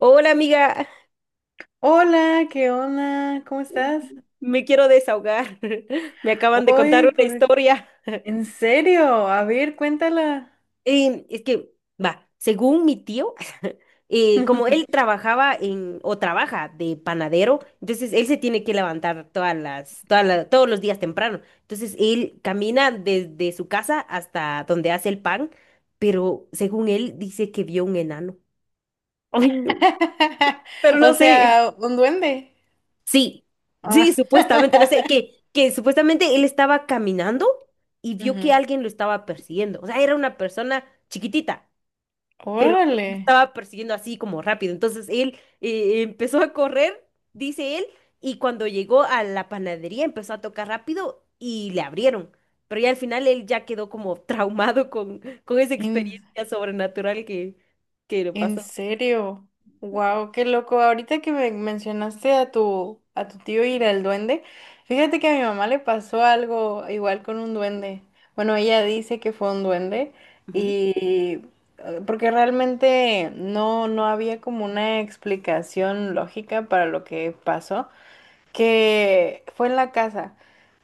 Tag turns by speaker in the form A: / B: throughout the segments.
A: Hola amiga,
B: Hola, ¿qué onda? ¿Cómo estás?
A: me quiero desahogar. Me acaban de contar
B: Hoy,
A: una
B: por...
A: historia.
B: ¿En serio? A ver, cuéntala.
A: Es que, va, según mi tío, como él trabajaba en, o trabaja de panadero, entonces él se tiene que levantar todas las, todas la- todos los días temprano. Entonces él camina desde su casa hasta donde hace el pan, pero según él dice que vio un enano. Ay, no, pero
B: O
A: no sé.
B: sea, un duende.
A: Sí, sí,
B: Ah.
A: supuestamente, no sé, que supuestamente él estaba caminando y vio que
B: Ujú.
A: alguien lo estaba persiguiendo. O sea, era una persona chiquitita, pero
B: Órale.
A: lo estaba persiguiendo así como rápido. Entonces él empezó a correr, dice él, y cuando llegó a la panadería empezó a tocar rápido y le abrieron. Pero ya al final él ya quedó como traumado con esa experiencia sobrenatural que le
B: ¿En
A: pasó.
B: serio? Wow, qué loco. Ahorita que me mencionaste a tu tío y al duende, fíjate que a mi mamá le pasó algo igual con un duende. Bueno, ella dice que fue un duende
A: Ujú.
B: y porque realmente no había como una explicación lógica para lo que pasó, que fue en la casa.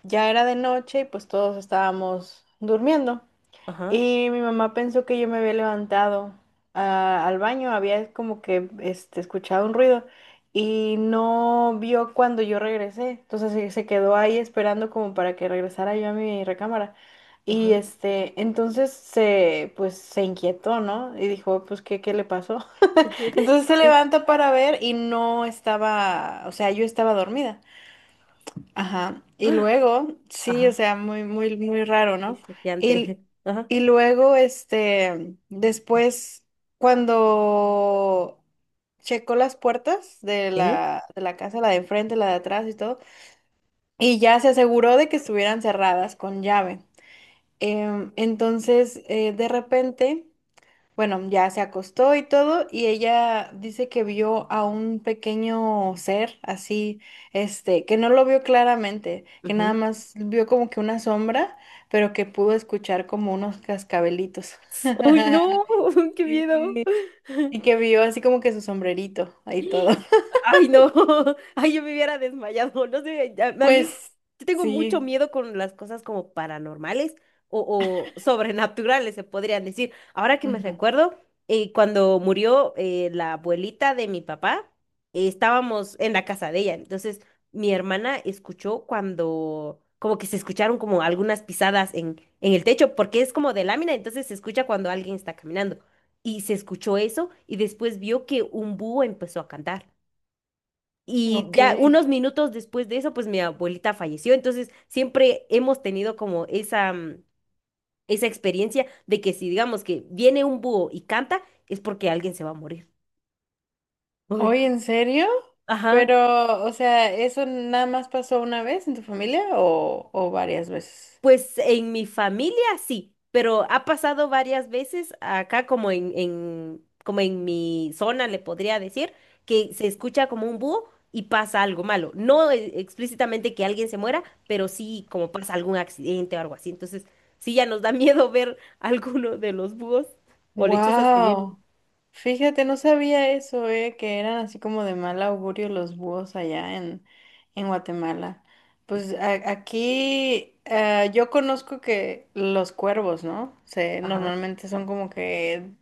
B: Ya era de noche y pues todos estábamos durmiendo.
A: Ajá,
B: Y mi mamá pensó que yo me había levantado ah, al baño, había como que este, escuchado un ruido y no vio cuando yo regresé. Entonces se quedó ahí esperando como para que regresara yo a mi recámara. Y
A: ajá.
B: este, entonces se, pues se inquietó, ¿no? Y dijo, pues, ¿qué, qué le pasó? Entonces se levanta para ver y no estaba, o sea, yo estaba dormida. Ajá. Y luego, sí, o
A: Ajá.
B: sea, muy, muy, muy raro,
A: Uy,
B: ¿no?
A: choqueante.
B: Y,
A: Ajá.
B: y luego, este, después, cuando checó las puertas de
A: ¿Sí?
B: la casa, la de enfrente, la de atrás y todo, y ya se aseguró de que estuvieran cerradas con llave. Entonces, de repente... Bueno, ya se acostó y todo, y ella dice que vio a un pequeño ser así, este, que no lo vio claramente, que nada
A: Ujú.
B: más vio como que una sombra, pero que pudo escuchar como unos cascabelitos.
A: ¡Uy, no! ¡Qué miedo!
B: Sí. Y que vio así como que su sombrerito ahí todo.
A: Ay, no. Ay, yo me hubiera desmayado. No sé, ya- a mí
B: Pues
A: yo tengo mucho
B: sí.
A: miedo con las cosas como paranormales o sobrenaturales, se podrían decir. Ahora que me
B: Ujú.
A: recuerdo, cuando murió la abuelita de mi papá, estábamos en la casa de ella. Entonces, mi hermana escuchó cuando, como que se escucharon como algunas pisadas en el techo, porque es como de lámina, entonces se escucha cuando alguien está caminando. Y se escuchó eso y después vio que un búho empezó a cantar. Y
B: Ok.
A: ya unos minutos después de eso, pues mi abuelita falleció. Entonces siempre hemos tenido como esa, esa experiencia de que si digamos que viene un búho y canta, es porque alguien se va a morir. Ay,
B: Oye,
A: qué-
B: ¿en serio?
A: Ajá.
B: Pero, o sea, ¿eso nada más pasó una vez en tu familia o varias veces?
A: Pues en mi familia sí, pero ha pasado varias veces acá como en- como en mi zona le podría decir que se escucha como un búho y pasa algo malo. No e- explícitamente que alguien se muera, pero sí como pasa algún accidente o algo así. Entonces, sí ya nos da miedo ver alguno de los búhos o lechuzas que vienen.
B: Wow. Fíjate, no sabía eso, que eran así como de mal augurio los búhos allá en Guatemala. Pues a- aquí ah, yo conozco que los cuervos, ¿no? Se,
A: Ajá.
B: normalmente son como que,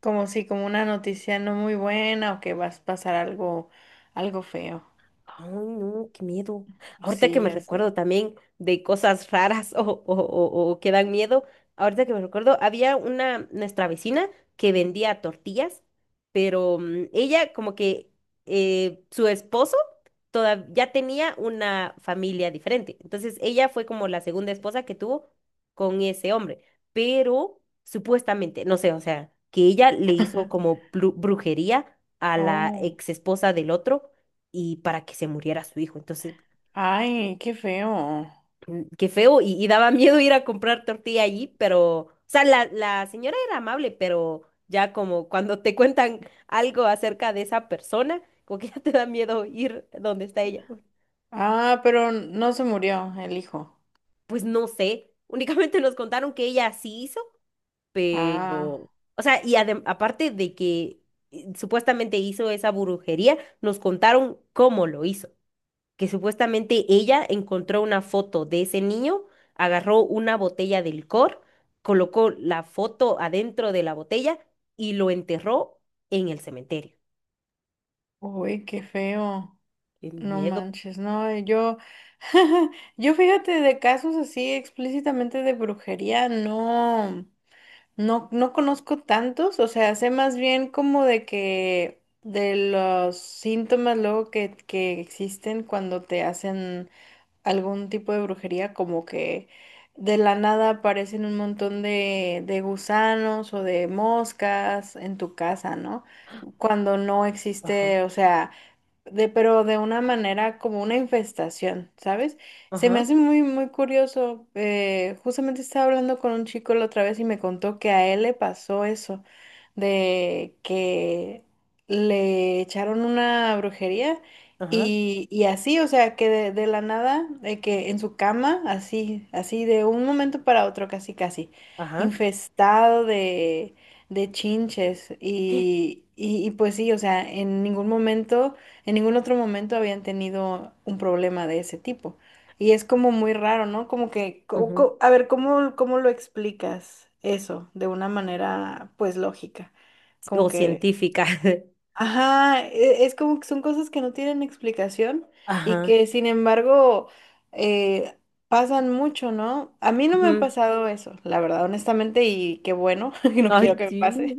B: como si, como una noticia no muy buena o que vas a pasar algo, algo feo.
A: Ay, no, qué miedo. Ahorita que
B: Sí,
A: me
B: ya sé.
A: recuerdo también de cosas raras o que dan miedo, ahorita que me recuerdo, había una, nuestra vecina que vendía tortillas, pero ella como que su esposo toda- ya tenía una familia diferente. Entonces ella fue como la segunda esposa que tuvo con ese hombre, pero supuestamente, no sé, o sea, que ella le hizo como blu- brujería a la
B: Oh,
A: ex esposa del otro y para que se muriera su hijo. Entonces,
B: ay, qué feo.
A: qué feo, y daba miedo ir a comprar tortilla allí, pero, o sea, la señora era amable, pero ya como cuando te cuentan algo acerca de esa persona, como que ya te da miedo ir donde está ella.
B: Ah, pero no se murió el hijo.
A: Pues no sé, únicamente nos contaron que ella sí hizo,
B: Ah.
A: pero, o sea, y adem- aparte de que supuestamente hizo esa brujería, nos contaron cómo lo hizo, que supuestamente ella encontró una foto de ese niño, agarró una botella de licor, colocó la foto adentro de la botella y lo enterró en el cementerio.
B: Uy, qué feo.
A: ¡Qué
B: No
A: miedo!
B: manches, no, yo, yo fíjate de casos así explícitamente de brujería, no, no, no conozco tantos, o sea, sé más bien como de que de los síntomas luego que existen cuando te hacen algún tipo de brujería, como que de la nada aparecen un montón de gusanos o de moscas en tu casa, ¿no? Cuando no
A: Ajá,
B: existe, o sea de, pero de una manera como una infestación, ¿sabes? Se me
A: ajá,
B: hace muy, muy curioso. Justamente estaba hablando con un chico la otra vez y me contó que a él le pasó eso, de que le echaron una brujería
A: ajá,
B: y así, o sea, que de la nada, de que en su cama, así, así, de un momento para otro, casi, casi,
A: ajá.
B: infestado de chinches y pues sí, o sea, en ningún otro momento habían tenido un problema de ese tipo. Y es como muy raro, ¿no? Como que, co-
A: Ujú.
B: co- a ver, ¿cómo, cómo lo explicas eso de una manera, pues, lógica? Como
A: O
B: que,
A: científica.
B: ajá, e- es como que son cosas que no tienen explicación y
A: Ajá.
B: que, sin embargo, eh, pasan mucho, ¿no? A mí no me ha
A: Ujú.
B: pasado eso, la verdad, honestamente, y qué bueno, no quiero
A: Ay,
B: que me
A: sí.
B: pase.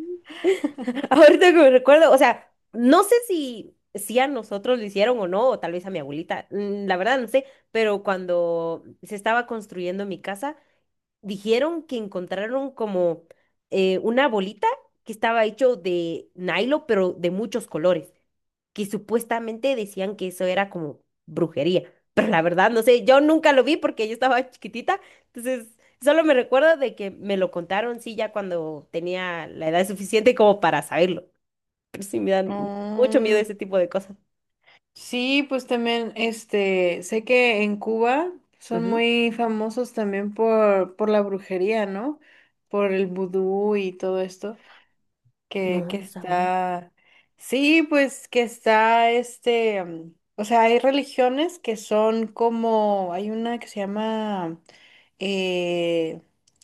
A: Ahorita que me recuerdo, o sea, no sé si, si a nosotros lo hicieron o no, o tal vez a mi abuelita, la verdad no sé, pero cuando se estaba construyendo mi casa, dijeron que encontraron como una bolita que estaba hecho de nylon, pero de muchos colores, que supuestamente decían que eso era como brujería, pero la verdad no sé, yo nunca lo vi porque yo estaba chiquitita, entonces solo me recuerdo de que me lo contaron, sí, ya cuando tenía la edad suficiente como para saberlo, pero sí me dan mucho miedo
B: Mm,
A: ese tipo de cosas.
B: sí, pues también, este, sé que en Cuba son
A: Ujú.
B: muy famosos también por la brujería, ¿no? Por el vudú y todo esto,
A: No,
B: que
A: no sabía.
B: está, sí, pues que está, este, mm, o sea, hay religiones que son como, hay una que se llama eh,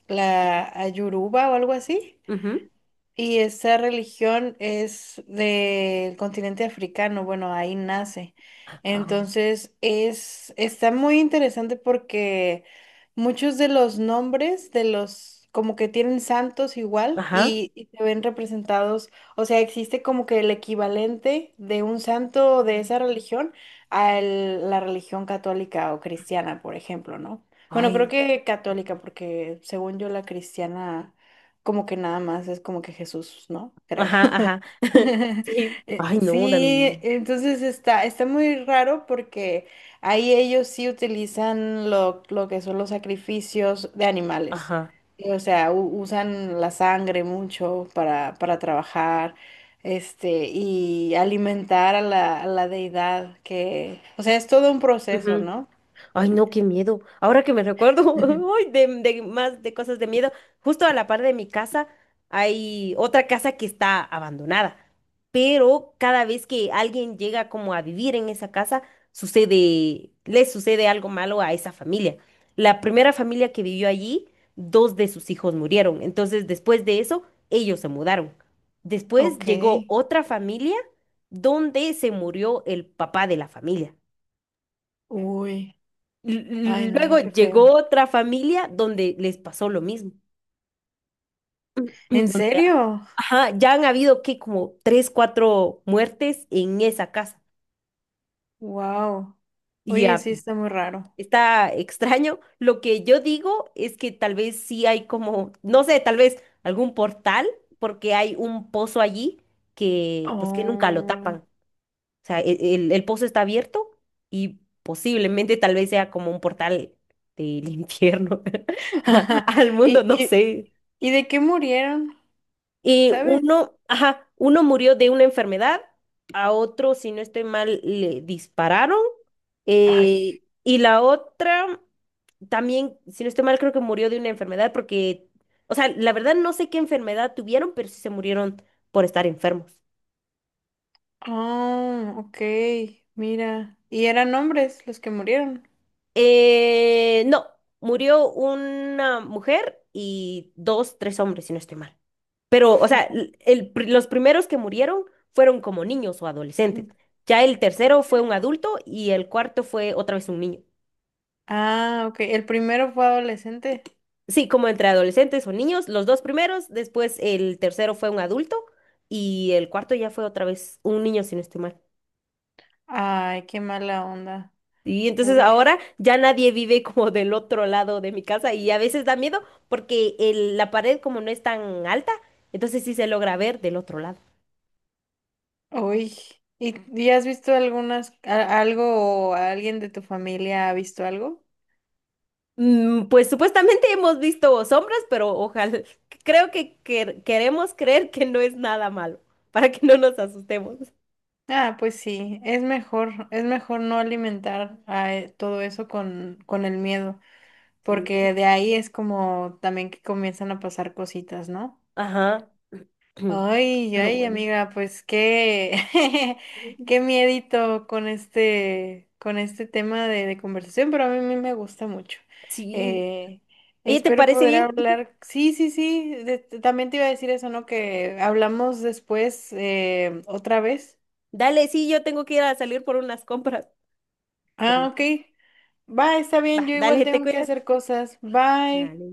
B: la Ayuruba o algo así
A: Ujú.
B: y esa religión es del continente africano, bueno, ahí nace.
A: Ah,
B: Entonces es, está muy interesante porque muchos de los nombres de los, como que tienen santos igual
A: ajá.
B: y se ven representados, o sea, existe como que el equivalente de un santo de esa religión a el- la religión católica o cristiana, por ejemplo, ¿no? Bueno, creo
A: Ay.
B: que católica, porque según yo la cristiana como que nada más es como que Jesús, ¿no? Creo.
A: Ajá, ajá. Sí. Ay, no,
B: Sí,
A: también.
B: entonces está, está muy raro porque ahí ellos sí utilizan lo que son los sacrificios de animales.
A: Ajá.
B: Y, o sea, u- usan la sangre mucho para trabajar, este, y alimentar a la deidad que, o sea, es todo un proceso,
A: Ujú.
B: ¿no?
A: Ay, no, qué miedo. Ahora que me recuerdo, ay, de más de cosas de miedo. Justo a la par de mi casa hay otra casa que está abandonada. Pero cada vez que alguien llega como a vivir en esa casa, sucede, le sucede algo malo a esa familia. La primera familia que vivió allí, dos de sus hijos murieron. Entonces, después de eso, ellos se mudaron. Después
B: Ok.
A: llegó otra familia donde se murió el papá de la familia.
B: Uy. Ay,
A: L-
B: no,
A: Luego
B: qué
A: llegó
B: feo.
A: otra familia donde les pasó lo mismo.
B: ¿En
A: Donde,
B: serio?
A: ajá, ya han habido que como tres, cuatro muertes en esa casa.
B: Wow.
A: Y
B: Oye,
A: ah,
B: sí está muy raro.
A: está extraño. Lo que yo digo es que tal vez sí hay como, no sé, tal vez algún portal, porque hay un pozo allí que pues que nunca lo tapan.
B: Oh.
A: O sea, e- el pozo está abierto y posiblemente tal vez sea como un portal del infierno al mundo,
B: ¿Y,
A: no sé.
B: y de qué murieron?
A: Y
B: ¿Sabes?
A: uno, ajá, uno murió de una enfermedad, a otro, si no estoy mal, le dispararon.
B: Ay.
A: Eh, y la otra también, si no estoy mal, creo que murió de una enfermedad porque, o sea, la verdad no sé qué enfermedad tuvieron, pero sí se murieron por estar enfermos.
B: Oh, ok. Mira. Y eran hombres los que murieron.
A: No, murió una mujer y dos, tres hombres, si no estoy mal. Pero, o sea, l- el pri- los primeros que murieron fueron como niños o adolescentes.
B: Ujú.
A: Ya el tercero fue un adulto y el cuarto fue otra vez un niño.
B: Ah, ok. El primero fue adolescente.
A: Sí, como entre adolescentes o niños, los dos primeros, después el tercero fue un adulto y el cuarto ya fue otra vez un niño, si no estoy mal.
B: Ay, qué mala onda.
A: Y entonces
B: Uy,
A: ahora ya nadie vive como del otro lado de mi casa y a veces da miedo porque el- la pared como no es tan alta, entonces sí se logra ver del otro lado.
B: uy. Y has visto algunas, a- algo o alguien de tu familia ha visto algo?
A: Mm, pues supuestamente hemos visto sombras, pero ojalá, creo que- queremos creer que no es nada malo, para que no nos asustemos.
B: Ah, pues sí, es mejor no alimentar a todo eso con el miedo,
A: Sí.
B: porque de ahí es como también que comienzan a pasar cositas, ¿no?
A: Ajá.
B: Ay,
A: Pero
B: ay,
A: bueno.
B: amiga, pues qué, qué miedito con este tema de conversación, pero a mí, me gusta mucho.
A: Sí.
B: Eh,
A: Oye, ¿te
B: espero
A: parece
B: poder
A: bien?
B: hablar, sí, sí, sí, de- también te iba a decir eso, ¿no? Que hablamos después otra vez.
A: Dale, sí, yo tengo que ir a salir por unas compras. Pero
B: Ah, ok. Bye, está bien,
A: va,
B: yo igual
A: dale, te
B: tengo que
A: cuidas.
B: hacer cosas. Bye.
A: Dale.